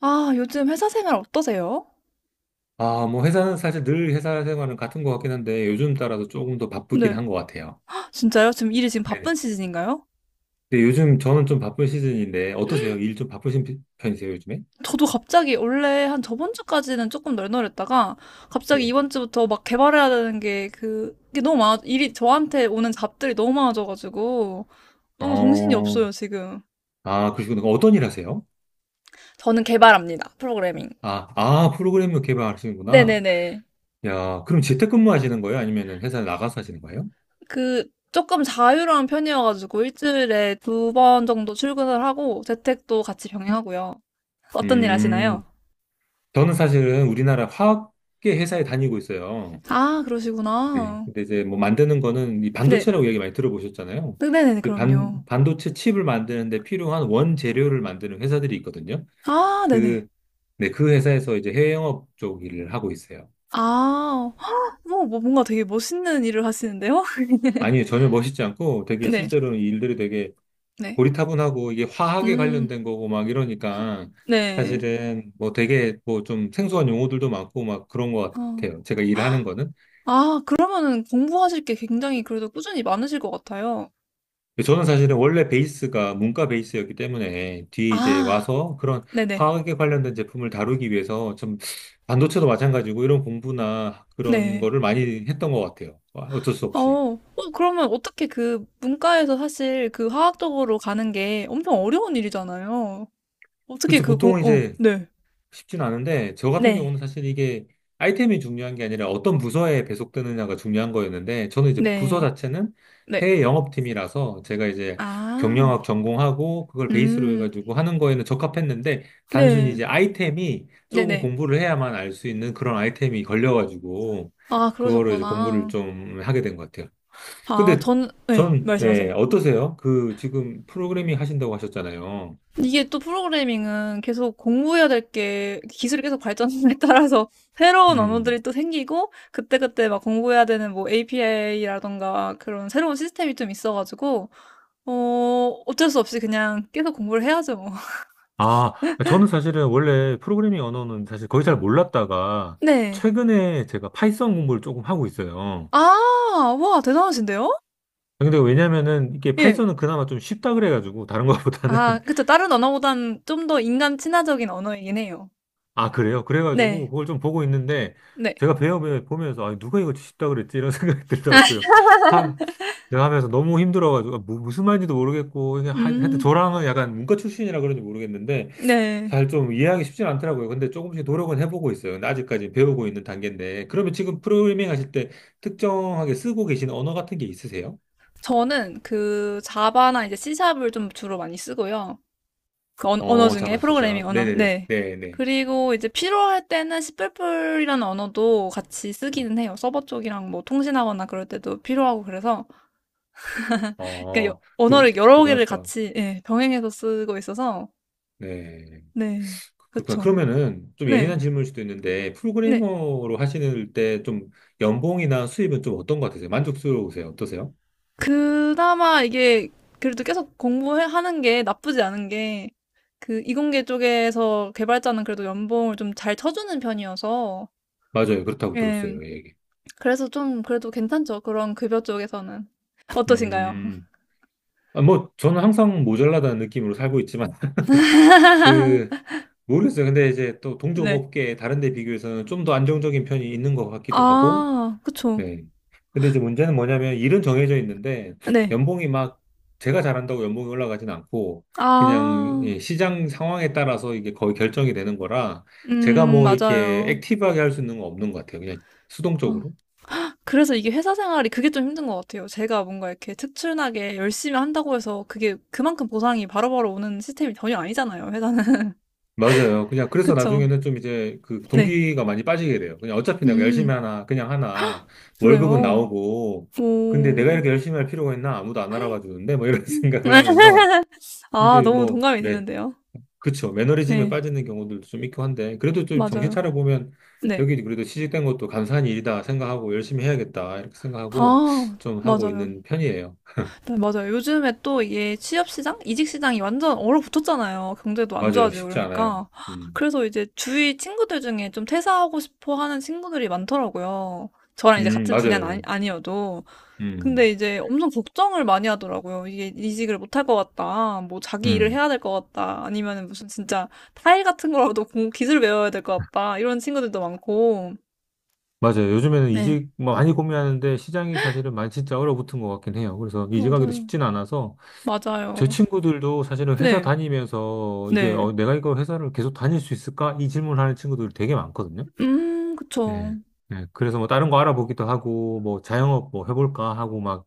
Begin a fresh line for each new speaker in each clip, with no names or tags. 아, 요즘 회사 생활 어떠세요?
아, 뭐 회사는 사실 늘 회사 생활은 같은 것 같긴 한데 요즘 따라서 조금 더 바쁘긴
네.
한 것 같아요.
헉, 진짜요? 지금 일이 지금 바쁜
네네.
시즌인가요?
근데 요즘 저는 좀 바쁜 시즌인데 어떠세요? 일 좀 바쁘신 편이세요, 요즘에?
저도 갑자기 원래 한 저번 주까지는 조금 널널했다가 갑자기
네.
이번 주부터 막 개발해야 되는 게 게 너무 많아, 일이 저한테 오는 잡들이 너무 많아져가지고 너무 정신이
어,
없어요, 지금.
아, 그러시구나. 어떤 일 하세요?
저는 개발합니다. 프로그래밍.
아, 아, 프로그램을 개발하시는구나.
네네네.
야, 그럼 재택근무 하시는 거예요? 아니면 회사 나가서 하시는 거예요?
그, 조금 자유로운 편이어가지고 일주일에 두 번 정도 출근을 하고 재택도 같이 병행하고요. 어떤 일 하시나요?
음, 저는 사실은 우리나라 화학계 회사에 다니고 있어요.
아,
네.
그러시구나.
근데 이제 뭐 만드는 거는 이
네.
반도체라고 얘기 많이 들어보셨잖아요.
네네네.
이
그럼요.
반도체 칩을 만드는데 필요한 원재료를 만드는 회사들이 있거든요.
아 네네.
그, 네, 그 회사에서 이제 해외 영업 쪽 일을 하고 있어요.
아. 뭐 뭐 뭔가 되게 멋있는 일을 하시는데요?
아니, 전혀 멋있지 않고 되게
네.
실제로는 이 일들이 되게
네.
고리타분하고 이게 화학에
음.
관련된 거고 막 이러니까
네.
사실은 뭐 되게 뭐 좀 생소한 용어들도 많고 막 그런 것
어.
같아요. 제가 일하는 거는.
아 그러면은 공부하실 게 굉장히 그래도 꾸준히 많으실 것 같아요.
저는 사실은 원래 베이스가 문과 베이스였기 때문에 뒤에 이제
아.
와서 그런
네네.
화학에 관련된 제품을 다루기 위해서 좀 반도체도 마찬가지고 이런 공부나 그런
네.
거를 많이 했던 것 같아요. 와, 어쩔 수
어.
없이.
어 그러면 어떻게 그 문과에서 사실 그 화학 쪽으로 가는 게 엄청 어려운 일이잖아요. 어떻게
그렇죠.
그 공
보통은
어
이제
네.
쉽진 않은데, 저 같은
네.
경우는 사실 이게 아이템이 중요한 게 아니라 어떤 부서에 배속되느냐가 중요한 거였는데, 저는 이제 부서
네.
자체는
네.
해외 영업팀이라서 제가 이제
아.
경영학 전공하고 그걸 베이스로
음.
해가지고 하는 거에는 적합했는데, 단순히
네.
이제 아이템이 조금
네네.
공부를 해야만 알 수 있는 그런 아이템이 걸려가지고,
아,
그거를 이제 공부를
그러셨구나.
좀 하게 된 것 같아요.
아,
근데
전, 네,
전,
말씀하세요.
네, 어떠세요? 그 지금 프로그래밍 하신다고 하셨잖아요.
이게 또 프로그래밍은 계속 공부해야 될 게 기술이 계속 발전에 따라서 새로운 언어들이
음.
또 생기고 그때그때 막 공부해야 되는 뭐 API라던가 그런 새로운 시스템이 좀 있어가지고 어, 어쩔 수 없이 그냥 계속 공부를 해야죠, 뭐.
아, 저는 사실은 원래 프로그래밍 언어는 사실 거의 잘 몰랐다가
네.
최근에 제가 파이썬 공부를 조금 하고 있어요.
아, 와, 대단하신데요?
근데 왜냐면은 이게
예.
파이썬은 그나마 좀 쉽다 그래가지고 다른 것보다는
아, 그쵸. 다른 언어보단 좀 더 인간 친화적인 언어이긴 해요.
아, 그래요? 그래가지고
네.
그걸 좀 보고 있는데
네.
제가 배워보면서 아, 누가 이거 쉽다 그랬지? 이런 생각이 들더라고요. 한, 제가 하면서 너무 힘들어가지고 아, 무슨 말인지도 모르겠고 그냥 하여튼
음,
저랑은 약간 문과 출신이라 그런지 모르겠는데
네.
잘 좀 이해하기 쉽진 않더라고요. 근데 조금씩 노력은 해보고 있어요. 근데 아직까지 배우고 있는 단계인데. 그러면 지금 프로그래밍 하실 때 특정하게 쓰고 계신 언어 같은 게 있으세요?
저는 그 자바나 이제 C샵을 좀 주로 많이 쓰고요. 그 언, 어
어,
중에
자바,
프로그래밍
C샵.
언어.
네네네.
네.
네네.
그리고 이제 필요할 때는 C++이라는 언어도 같이 쓰기는 해요. 서버 쪽이랑 뭐 통신하거나 그럴 때도 필요하고 그래서 그러니까 여-
어, 그,
언어를 여러 개를
대단하시다.
같이 예, 병행해서 쓰고 있어서
네.
네.
그, 그렇구나.
그쵸.
그러면은 좀
네.
예민한 질문일 수도 있는데,
네.
프로그래머로 하시는 때 좀 연봉이나 수입은 좀 어떤 것 같으세요? 만족스러우세요? 어떠세요?
그나마 이게 그래도 계속 공부하는 게 나쁘지 않은 게 그 이공계 쪽에서 개발자는 그래도 연봉을 좀 잘 쳐주는 편이어서
맞아요. 그렇다고
예.
들었어요. 예, 얘기.
그래서 좀 그래도 괜찮죠. 그런 급여 쪽에서는 어떠신가요?
음, 아, 뭐, 저는 항상 모자라다는 느낌으로 살고 있지만, 그, 모르겠어요. 근데 이제 또 동종
네.
업계 다른 데 비교해서는 좀 더 안정적인 편이 있는 것 같기도 하고,
아, 그쵸.
네. 근데 이제 문제는 뭐냐면 일은 정해져 있는데
네.
연봉이 막 제가 잘한다고 연봉이 올라가진 않고 그냥
아,
예, 시장 상황에 따라서 이게 거의 결정이 되는 거라 제가 뭐 이렇게
맞아요.
액티브하게 할 수 있는 건 없는 것 같아요. 그냥
어.
수동적으로.
그래서 이게 회사 생활이 그게 좀 힘든 것 같아요. 제가 뭔가 이렇게 특출나게 열심히 한다고 해서 그게 그만큼 보상이 바로바로 오는 시스템이 전혀 아니잖아요, 회사는.
맞아요. 그냥 그래서
그쵸.
나중에는 좀 이제 그
네.
동기가 많이 빠지게 돼요. 그냥 어차피 내가
음.
열심히 하나, 그냥 하나, 월급은
그래요.
나오고, 근데 내가
오.
이렇게 열심히 할 필요가 있나? 아무도 안 알아봐 주는데, 뭐 이런
음.
생각을 하면서,
아,
이제
너무
뭐,
동감이
네,
되는데요.
그쵸. 매너리즘에
네.
빠지는 경우들도 좀 있고 한데, 그래도 좀 정신
맞아요.
차려보면,
네.
여기 그래도 취직된 것도 감사한 일이다 생각하고, 열심히 해야겠다, 이렇게 생각하고,
아,
좀 하고
맞아요.
있는 편이에요.
네, 맞아요. 요즘에 또 이게 취업 시장, 이직 시장이 완전 얼어붙었잖아요. 경제도 안
맞아요.
좋아지고
쉽지 않아요.
그러니까.
음,
그래서 이제 주위 친구들 중에 좀 퇴사하고 싶어 하는 친구들이 많더라고요. 저랑 이제 같은 분야는 아니,
맞아요.
아니어도. 근데
음,
이제 엄청 걱정을 많이 하더라고요. 이게 이직을 못 할 것 같다. 뭐 자기 일을
음.
해야 될 것 같다. 아니면 무슨 진짜 타일 같은 거라도 공- 기술 배워야 될 것 같다. 이런 친구들도 많고.
맞아요. 요즘에는
네,
이직 뭐 많이 고민하는데 시장이 사실은 많이 진짜 얼어붙은 것 같긴 해요. 그래서 이직하기도
맞아요.
쉽진 않아서 제
맞아요.
친구들도 사실은 회사
네,
다니면서 이제
네.
어, 내가 이거 회사를 계속 다닐 수 있을까? 이 질문하는 친구들이 되게 많거든요.
그쵸.
예. 예. 그래서 뭐 다른 거 알아보기도 하고 뭐 자영업 뭐 해볼까 하고 막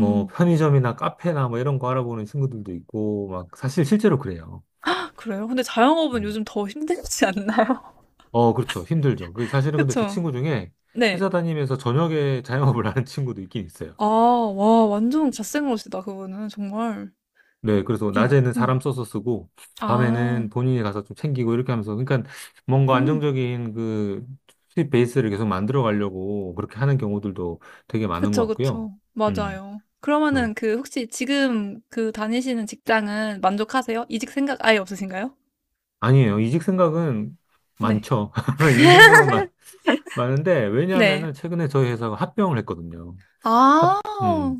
뭐 편의점이나 카페나 뭐 이런 거 알아보는 친구들도 있고 막 사실 실제로 그래요.
아, 그래요. 근데 자영업은
음.
요즘 더 힘들지 않나요?
어, 그렇죠. 힘들죠. 그 사실은 근데 제
그쵸.
친구 중에
네.
회사 다니면서 저녁에 자영업을 하는 친구도 있긴 있어요.
아, 와, 완전 갓생러시다, 그분은. 정말.
네, 그래서
예,
낮에는
예.
사람 써서 쓰고,
아,
밤에는 본인이 가서 좀 챙기고 이렇게 하면서, 그러니까 뭔가
음.
안정적인 그 수입 베이스를 계속 만들어 가려고 그렇게 하는 경우들도 되게 많은 것
그쵸,
같고요.
그쵸.
음,
맞아요.
음.
그러면은 그 혹시 지금 그 다니시는 직장은 만족하세요? 이직 생각 아예 없으신가요?
아니에요. 이직 생각은
네.
많죠. 이직 생각은 많은데,
네.
왜냐하면은 최근에 저희 회사가 합병을 했거든요. 합,
아,
음,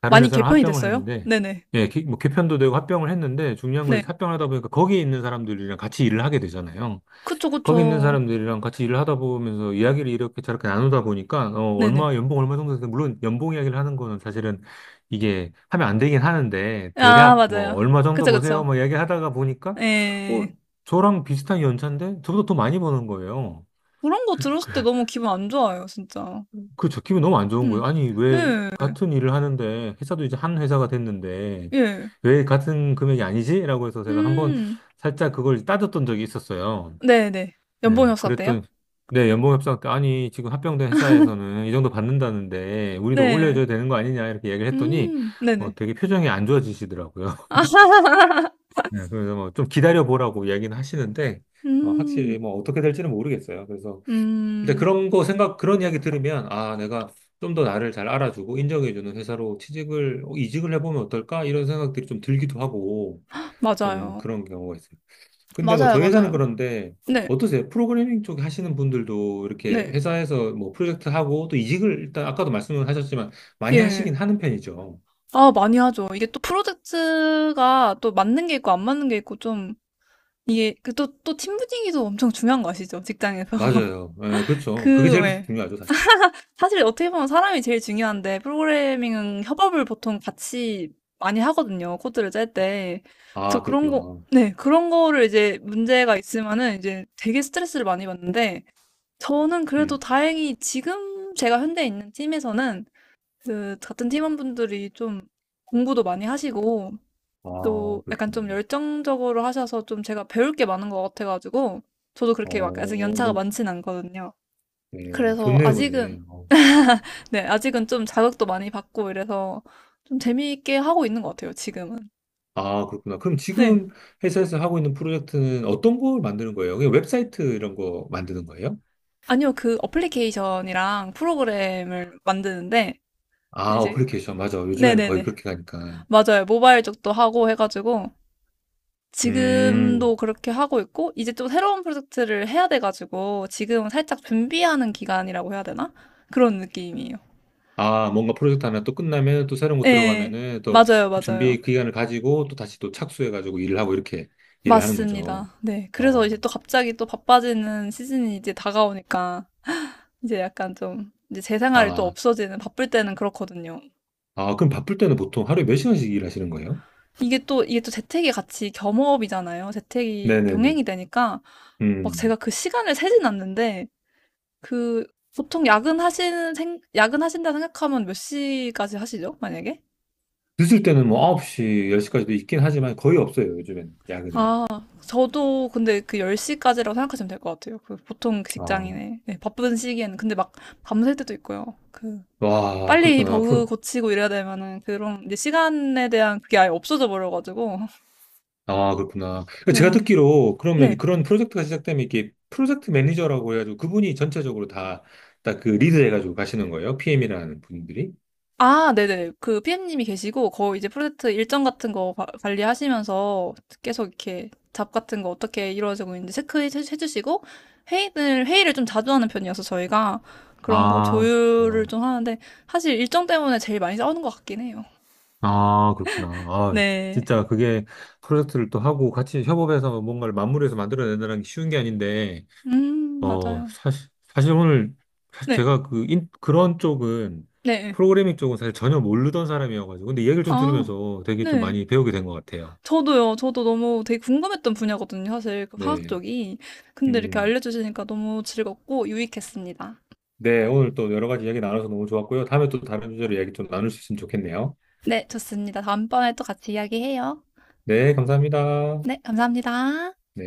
다른
많이
회사랑
개편이
합병을
됐어요?
했는데,
네네.
예, 뭐 개편도 되고 합병을 했는데, 중요한 건
네.
합병하다 보니까 거기에 있는 사람들이랑 같이 일을 하게 되잖아요.
그쵸,
거기 있는
그쵸.
사람들이랑 같이 일을 하다 보면서 이야기를 이렇게 저렇게 나누다 보니까 어
네네.
얼마 연봉 얼마 정도 되는데 물론 연봉 이야기를 하는 거는 사실은 이게 하면 안 되긴 하는데
아,
대략 뭐
맞아요.
얼마 정도
그쵸,
보세요
그쵸.
뭐 이야기하다가 보니까 어
예.
저랑 비슷한 연차인데 저보다 더 많이 버는 거예요.
그런 거 들었을
그래
때 너무 기분 안 좋아요, 진짜.
그저 기분 너무 안 좋은
음.
거예요. 아니 왜
네.
같은 일을 하는데 회사도 이제 한 회사가 됐는데
예.
왜 같은 금액이 아니지? 라고 해서 제가 한번
음.
살짝 그걸 따졌던 적이 있었어요.
네네. 연봉이
네,
없었대요?
그랬더니, 네, 연봉 협상 때, 아니, 지금 합병된 회사에서는 이 정도 받는다는데, 우리도
네.
올려줘야 되는 거 아니냐, 이렇게 얘기를 했더니,
음.
어,
네네.
되게 표정이 안 좋아지시더라고요.
아,
네, 그래서 뭐 좀 기다려보라고 얘기는 하시는데, 어, 확실히
음.
뭐 어떻게 될지는 모르겠어요. 그래서, 일단
음.
그런 거 생각, 그런 이야기 들으면, 아, 내가 좀 더 나를 잘 알아주고 인정해주는 회사로 취직을, 어, 이직을 해보면 어떨까? 이런 생각들이 좀 들기도 하고, 좀
맞아요.
그런 경우가 있어요. 근데 뭐
맞아요,
저희 회사는
맞아요.
그런데
네,
어떠세요? 프로그래밍 쪽 하시는 분들도 이렇게
네,
회사에서 뭐 프로젝트 하고 또 이직을 일단 아까도 말씀을 하셨지만 많이
예.
하시긴 하는 편이죠.
아, 많이 하죠. 이게 또 프로젝트가 또 맞는 게 있고 안 맞는 게 있고 좀 이게 그 또 팀 분위기도 엄청 중요한 거 아시죠? 직장에서.
맞아요. 예, 그렇죠. 그게
그,
제일
왜.
중요하죠, 사실.
사실 어떻게 보면 사람이 제일 중요한데 프로그래밍은 협업을 보통 같이 많이 하거든요. 코드를 짤 때. 그래서
아,
그런 거,
그렇구나.
네, 그런 거를 이제 문제가 있으면은 이제 되게 스트레스를 많이 받는데 저는 그래도
음.
다행히 지금 제가 현재 있는 팀에서는 그 같은 팀원분들이 좀 공부도 많이 하시고
아,
또 약간
그러시구나.
좀 열정적으로 하셔서 좀 제가 배울 게 많은 것 같아가지고 저도 그렇게 막 아직
어,
연차가
너무,
많진 않거든요.
예,
그래서
좋네요, 근데.
아직은
어.
네 아직은 좀 자극도 많이 받고 이래서 좀 재미있게 하고 있는 것 같아요 지금은.
아, 그렇구나. 그럼
네.
지금 회사에서 하고 있는 프로젝트는 어떤 걸 만드는 거예요? 그냥 웹사이트 이런 거 만드는 거예요?
아니요. 그 어플리케이션이랑 프로그램을 만드는데
아,
네, 이제
어플리케이션. 맞아. 요즘에는 거의
네네네.
그렇게 가니까.
맞아요. 모바일 쪽도 하고 해가지고
음.
지금도 그렇게 하고 있고, 이제 또 새로운 프로젝트를 해야 돼가지고, 지금 살짝 준비하는 기간이라고 해야 되나? 그런 느낌이에요.
아, 뭔가 프로젝트 하나 또 끝나면 또 새로운 거
네,
들어가면은 또
맞아요,
그
맞아요.
준비 기간을 가지고 또 다시 또 착수해가지고 일을 하고 이렇게 일을 하는 거죠.
맞습니다. 네, 그래서
어,
이제 또 갑자기 또 바빠지는 시즌이 이제 다가오니까, 이제 약간 좀, 이제 제 생활이 또
아,
없어지는, 바쁠 때는 그렇거든요.
아, 그럼 바쁠 때는 보통 하루에 몇 시간씩 일하시는 거예요?
이게 또 재택이 같이 겸업이잖아요. 재택이
네네네.
병행이 되니까, 막
음,
제가 그 시간을 세진 않는데, 그 보통 야근하시는 생, 야근하신다 생각하면 몇 시까지 하시죠? 만약에?
늦을 때는 뭐 9시, 10시까지도 있긴 하지만 거의 없어요, 요즘에는, 야근은.
아, 저도 근데 그 10시까지라고 생각하시면 될 것 같아요. 그 보통 그
아,
직장인의 네, 바쁜 시기에는 근데 막 밤샐 때도 있고요. 그
와,
빨리
그렇구나.
버그 고치고 이래야 되면은 그런 이제 시간에 대한 그게 아예 없어져 버려가지고
아, 그렇구나. 그러니까 제가
네.
듣기로 그러면
네,
그런 프로젝트가 시작되면 이게 프로젝트 매니저라고 해가지고 그분이 전체적으로 다 딱 그 리드 해가지고 가시는 거예요? PM이라는 분들이?
아, 네네. 그 PM님이 계시고, 거의 이제 프로젝트 일정 같은 거 바- 관리하시면서 계속 이렇게 잡 같은 거 어떻게 이루어지고 있는지 체크해주시고, 회의를 좀 자주 하는 편이어서 저희가 그런 거
아,
조율을
그렇구나.
좀 하는데, 사실 일정 때문에 제일 많이 싸우는 것 같긴 해요.
아, 그렇구나. 아,
네.
진짜 그게 프로젝트를 또 하고 같이 협업해서 뭔가를 마무리해서 만들어내는 게 쉬운 게 아닌데, 어,
맞아요.
사실 오늘 사실
네,
제가 그, 인, 그런 쪽은
네.
프로그래밍 쪽은 사실 전혀 모르던 사람이어가지고, 근데 얘기를 좀
아,
들으면서 되게 좀
네.
많이 배우게 된 것 같아요.
저도요. 저도 너무 되게 궁금했던 분야거든요. 사실 그 화학
네.
쪽이. 근데 이렇게
음.
알려주시니까 너무 즐겁고 유익했습니다.
네, 오늘 또 여러 가지 이야기 나눠서 너무 좋았고요. 다음에 또 다른 주제로 이야기 좀 나눌 수 있으면 좋겠네요.
네, 좋습니다. 다음번에 또 같이 이야기해요.
네, 감사합니다.
네, 감사합니다.
네.